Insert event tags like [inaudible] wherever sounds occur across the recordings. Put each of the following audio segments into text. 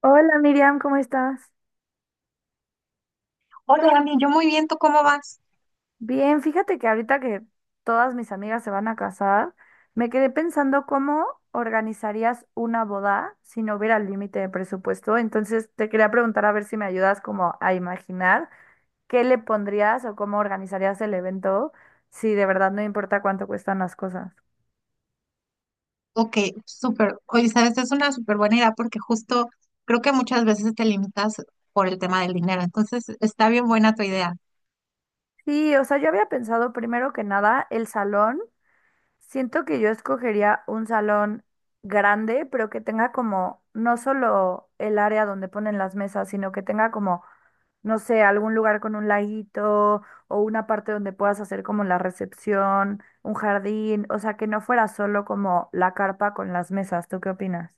Hola Miriam, ¿cómo estás? Hola, Dani, yo muy bien, ¿tú cómo vas? Bien, fíjate que ahorita que todas mis amigas se van a casar, me quedé pensando cómo organizarías una boda si no hubiera límite de presupuesto. Entonces te quería preguntar a ver si me ayudas como a imaginar qué le pondrías o cómo organizarías el evento si de verdad no importa cuánto cuestan las cosas. Ok, súper. Oye, sabes, es una súper buena idea porque justo creo que muchas veces te limitas por el tema del dinero. Entonces, está bien buena tu idea. Sí, o sea, yo había pensado primero que nada el salón. Siento que yo escogería un salón grande, pero que tenga como no solo el área donde ponen las mesas, sino que tenga como, no sé, algún lugar con un laguito o una parte donde puedas hacer como la recepción, un jardín, o sea, que no fuera solo como la carpa con las mesas. ¿Tú qué opinas?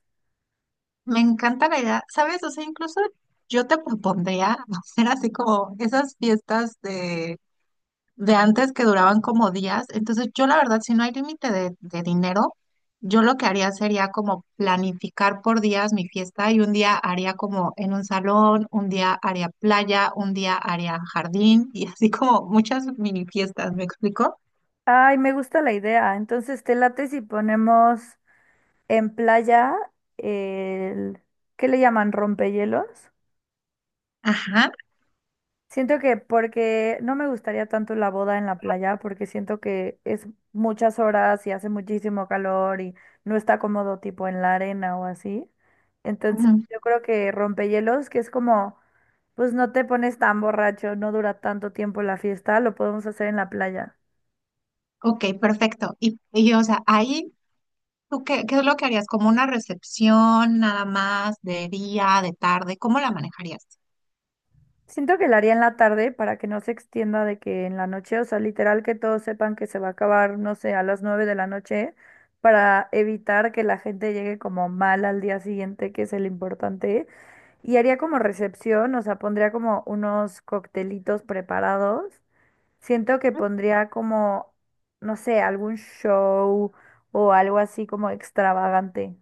Me encanta la idea, ¿sabes? O sea, incluso yo te propondría [laughs] hacer así como esas fiestas de antes que duraban como días. Entonces, yo la verdad, si no hay límite de dinero, yo lo que haría sería como planificar por días mi fiesta y un día haría como en un salón, un día haría playa, un día haría jardín y [laughs] así como muchas mini fiestas, ¿me explico? Ay, me gusta la idea. Entonces, ¿te late si ponemos en playa el, ¿qué le llaman? ¿Rompehielos? Ajá. Siento que porque no me gustaría tanto la boda en la playa, porque siento que es muchas horas y hace muchísimo calor y no está cómodo tipo en la arena o así. Entonces Ujú. yo creo que rompehielos, que es como, pues no te pones tan borracho, no dura tanto tiempo la fiesta, lo podemos hacer en la playa. Ok, perfecto. Y o sea, ahí, ¿tú qué es lo que harías? ¿Como una recepción nada más de día, de tarde? ¿Cómo la manejarías? Siento que la haría en la tarde para que no se extienda de que en la noche, o sea, literal que todos sepan que se va a acabar, no sé, a las 9 de la noche, para evitar que la gente llegue como mal al día siguiente, que es el importante. Y haría como recepción, o sea, pondría como unos coctelitos preparados. Siento que pondría como, no sé, algún show o algo así como extravagante.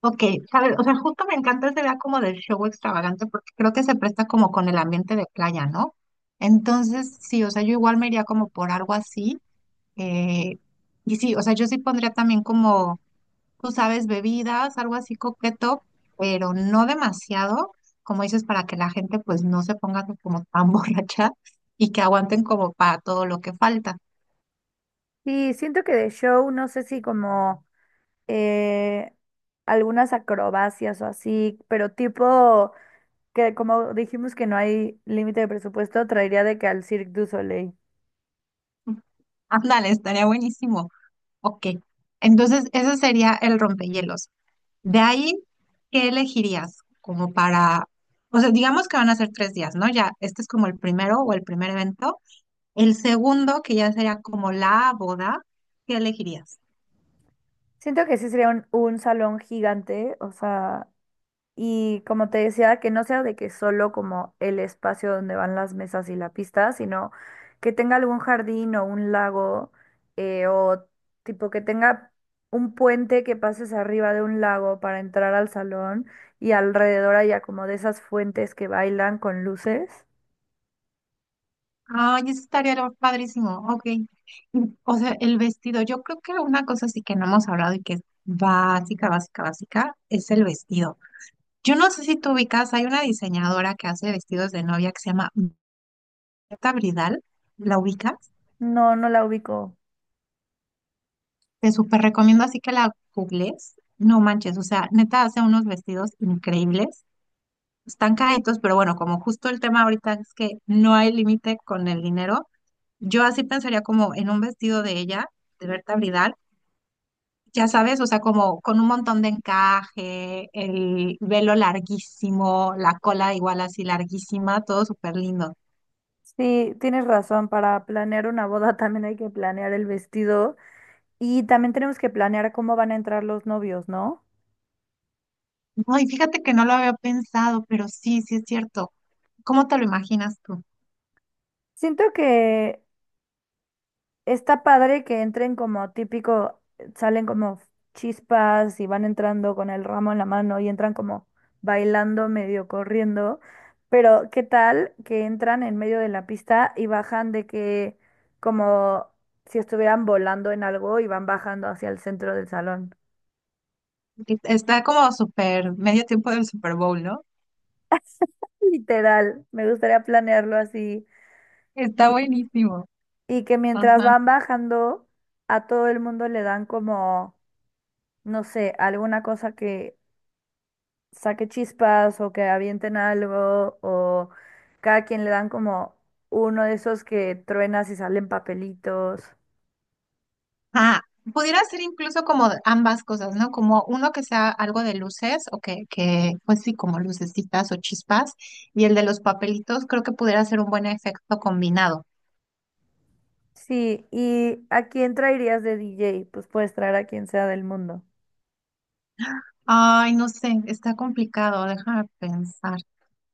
Ok, ¿sabes? O sea, justo me encanta esa idea como del show extravagante porque creo que se presta como con el ambiente de playa, ¿no? Entonces, sí, o sea, yo igual me iría como por algo así. eh, y sí, o sea, yo sí pondría también como, tú sabes, bebidas, algo así coqueto, pero no demasiado, como dices, para que la gente pues no se ponga como tan [laughs] borracha y que aguanten como para todo lo que falta. Sí, siento que de show, no sé si como... eh, algunas acrobacias o así, pero tipo que como dijimos que no hay límite de presupuesto, traería de que al Cirque du Soleil. Ándale, estaría buenísimo. Ok, entonces ese sería el rompehielos. De ahí, ¿qué elegirías? Como para, o sea, digamos que van a ser tres días, ¿no? Ya, este es como el primero o el primer evento. El segundo, que ya sería como la boda, ¿qué elegirías? Siento que sí sería un salón gigante, o sea, y como te decía, que no sea de que solo como el espacio donde van las mesas y la pista, sino que tenga algún jardín o un lago, o tipo que tenga un puente que pases arriba de un lago para entrar al salón y alrededor haya como de esas fuentes que bailan con luces. Ay, eso estaría padrísimo, ok. Y, o sea, el vestido, yo creo que una cosa sí que no hemos hablado y que es básica, básica, básica, es el vestido. Yo no sé si tú ubicas, hay una diseñadora que hace vestidos de novia que se llama Marta Bridal, ¿la ubicas? No, no la ubico. Te súper recomiendo así que la googles. No manches, o sea, neta hace unos vestidos increíbles. Están caritos, pero bueno, como justo el tema ahorita es que no hay límite con el dinero, yo así pensaría como en un vestido de ella, de Berta Bridal, ya sabes, o sea, como con un montón de encaje, el velo larguísimo, la cola igual así larguísima, todo súper lindo. Sí, tienes razón, para planear una boda [laughs] también hay que planear el vestido y también tenemos que planear cómo van a entrar los novios, ¿no? No, y fíjate que no lo había pensado, pero sí, sí es cierto. ¿Cómo te lo imaginas tú? Siento que está padre que entren como típico, salen como chispas y van entrando con el ramo en la mano y entran como bailando, medio corriendo, pero ¿qué tal que entran en medio de la pista y bajan de que como si estuvieran volando en algo y van bajando hacia el centro del salón? Está como super medio tiempo del Super Bowl, ¿no? Literal, me gustaría planearlo así Está y, buenísimo. y que mientras Ajá. van bajando a todo el mundo le dan como, no sé, alguna cosa que saque chispas o que avienten algo o cada quien le dan como uno de esos que truenas y salen papelitos. Ah, pudiera ser incluso como de ambas cosas, ¿no? Como uno que sea algo de luces o pues sí, como lucecitas o chispas. Y el de los papelitos creo que pudiera ser un buen efecto combinado. Sí, ¿y a quién traerías de DJ? Pues puedes traer a quien sea del mundo. Ay, no sé, está complicado, déjame pensar.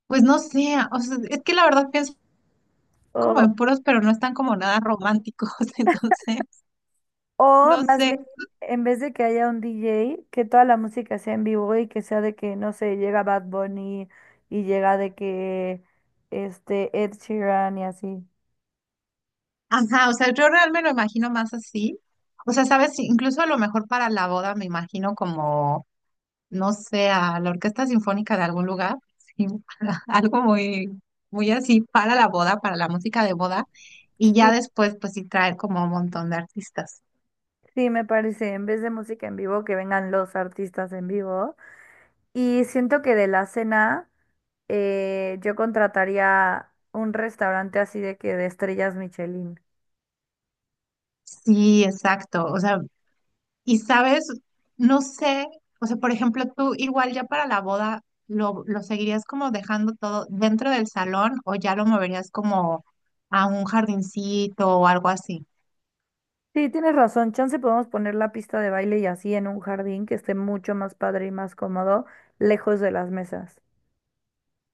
Pues no sé, o sea, es que la verdad pienso como O, en puros, pero no están como nada románticos, [laughs] entonces, o no más bien, sé. en vez de que haya un DJ, que toda la música sea en vivo y que sea de que, no sé, llega Bad Bunny y llega de que este Ed Sheeran y así. Ajá, o sea, yo realmente me lo imagino más así. O sea, sabes, sí, incluso a lo mejor para la boda me imagino como, no sé, a la orquesta sinfónica de algún lugar, sí, [laughs] algo muy, muy así para la boda, para la música de boda, y Sí, ya después, pues sí traer como un montón de artistas. sí, me parece. En vez de música en vivo, que vengan los artistas en vivo. Y siento que de la cena yo contrataría un restaurante así de que de estrellas Michelin. Sí, exacto. O sea, y sabes, no sé, o sea, por ejemplo, tú igual ya para la boda, ¿lo seguirías como dejando todo dentro del salón o ya lo moverías como a un jardincito o algo así? Sí, tienes razón. Chance podemos poner la pista de baile y así en un jardín que esté mucho más padre y más cómodo, lejos de las mesas. [laughs]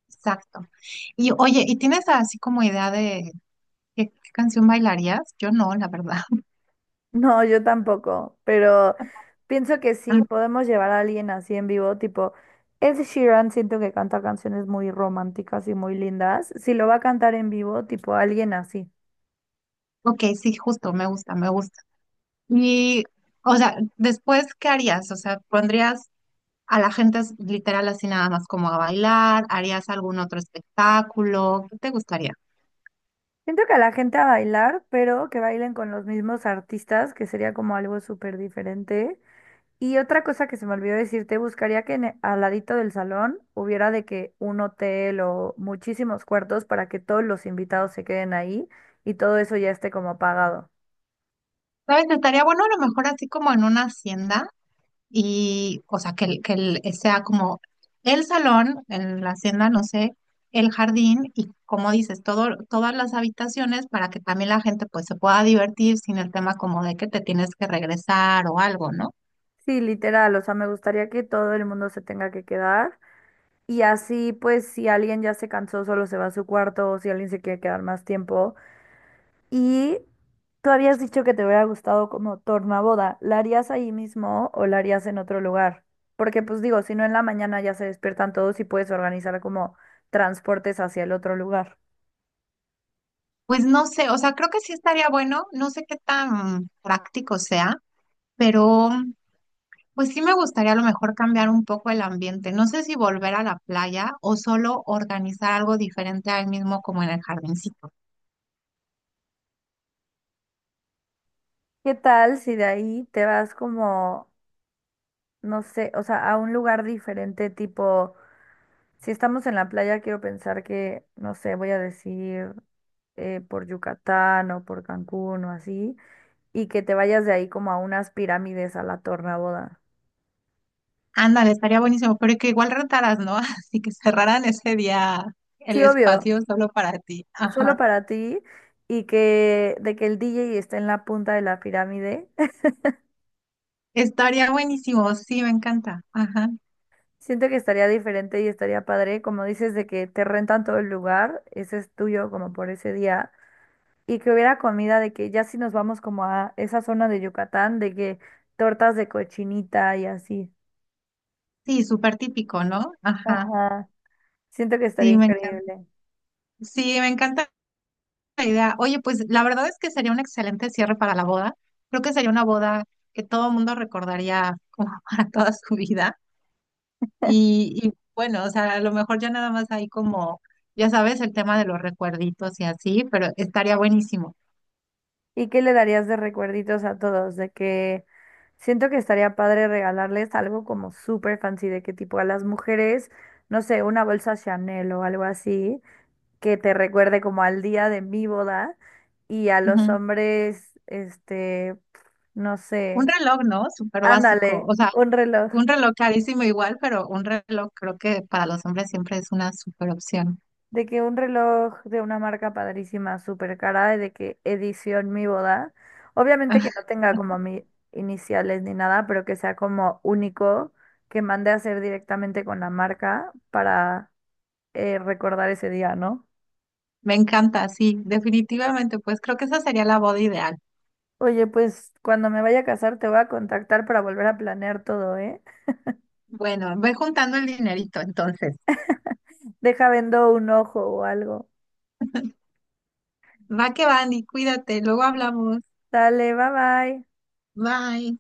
Exacto. Y oye, ¿y tienes así como idea de qué canción bailarías? Yo no, la verdad. [laughs] No, yo tampoco, pero pienso que sí, Ah, podemos llevar a alguien así en vivo, tipo Ed Sheeran, siento que canta canciones muy románticas y muy lindas. Si lo va a cantar en vivo, tipo alguien así. ok, sí, justo, me gusta, me gusta. Y, o sea, después, ¿qué harías? O sea, ¿pondrías a la gente literal así nada más como a bailar? ¿Harías algún otro espectáculo? ¿Qué te gustaría? Siento que a la gente a bailar, pero que bailen con los mismos artistas, que sería como algo súper diferente. Y otra cosa que se me olvidó decirte, buscaría que en al ladito del salón hubiera de que un hotel o muchísimos cuartos para que todos los invitados se queden ahí y todo eso ya esté como pagado. ¿Sabes? Estaría bueno a lo mejor así como en una hacienda y, o sea, que, sea como el salón, en la hacienda, no sé, el jardín y, como dices, todo, todas las habitaciones para que también la gente pues se pueda divertir sin el tema como de que te tienes que regresar o algo, ¿no? Sí, literal, o sea, me gustaría que todo el mundo se tenga que quedar y así pues si alguien ya se cansó solo se va a su cuarto o si alguien se quiere quedar más tiempo. Y tú habías dicho que te hubiera gustado como tornaboda. ¿La harías ahí mismo o la harías en otro lugar? Porque pues digo, si no en la mañana ya se despiertan todos y puedes organizar como transportes hacia el otro lugar. Pues no sé, o sea, creo que sí estaría bueno, no sé qué tan práctico sea, pero... Pues sí me gustaría a lo mejor cambiar un poco el ambiente. No sé si volver a la playa o solo organizar algo diferente al mismo como en el jardincito. ¿Qué tal si de ahí te vas como, no sé, o sea, a un lugar diferente, tipo, si estamos en la playa, quiero pensar que, no sé, voy a decir por Yucatán o por Cancún o así, y que te vayas de ahí como a unas pirámides a la tornaboda. Ándale, estaría buenísimo, pero que igual rentaras, ¿no? [laughs] Así que cerraran ese día el Sí, obvio, espacio solo para ti. solo Ajá. para ti y que de que el DJ esté en la punta de la pirámide. [laughs] Estaría buenísimo, sí, me encanta. Ajá. Siento que estaría diferente y estaría padre, como dices, de que te rentan todo el lugar, ese es tuyo como por ese día, y que hubiera comida de que ya si nos vamos como a esa zona de Yucatán, de que tortas de cochinita y así. Sí, súper típico, ¿no? Ajá. Ajá, siento que estaría Sí, me encanta. increíble. Sí, me encanta la idea. Oye, pues la verdad es que sería un excelente cierre para la boda. Creo que sería una boda que todo el mundo recordaría como [laughs] para toda su vida. Y bueno, o sea, a lo mejor ya nada más hay como, ya sabes, el tema de los recuerditos y así, pero estaría buenísimo. ¿Y qué le darías de recuerditos a todos? De que siento que estaría padre regalarles algo como súper fancy, de que tipo a las mujeres, no sé, una bolsa Chanel o algo así, que te recuerde como al día de mi boda, y a los Ujú. hombres, este, no Un sé, reloj, ¿no? Súper básico. ándale, O sea, un reloj. un reloj carísimo igual, pero un reloj creo que para los hombres siempre es una súper opción. De que un reloj de una marca padrísima, súper cara, y de que edición mi boda. Obviamente que no [laughs] tenga como mis iniciales ni nada, pero que sea como único, que mande a hacer directamente con la marca para recordar ese día, ¿no? Me encanta, sí, definitivamente. Pues creo que esa sería la boda ideal. Oye, pues cuando me vaya a casar te voy a contactar para volver a planear todo, ¿eh? Bueno, ve juntando el dinerito entonces. Deja vendo un ojo o algo. Va que va, Andy, cuídate, luego hablamos. Dale, bye bye. Bye.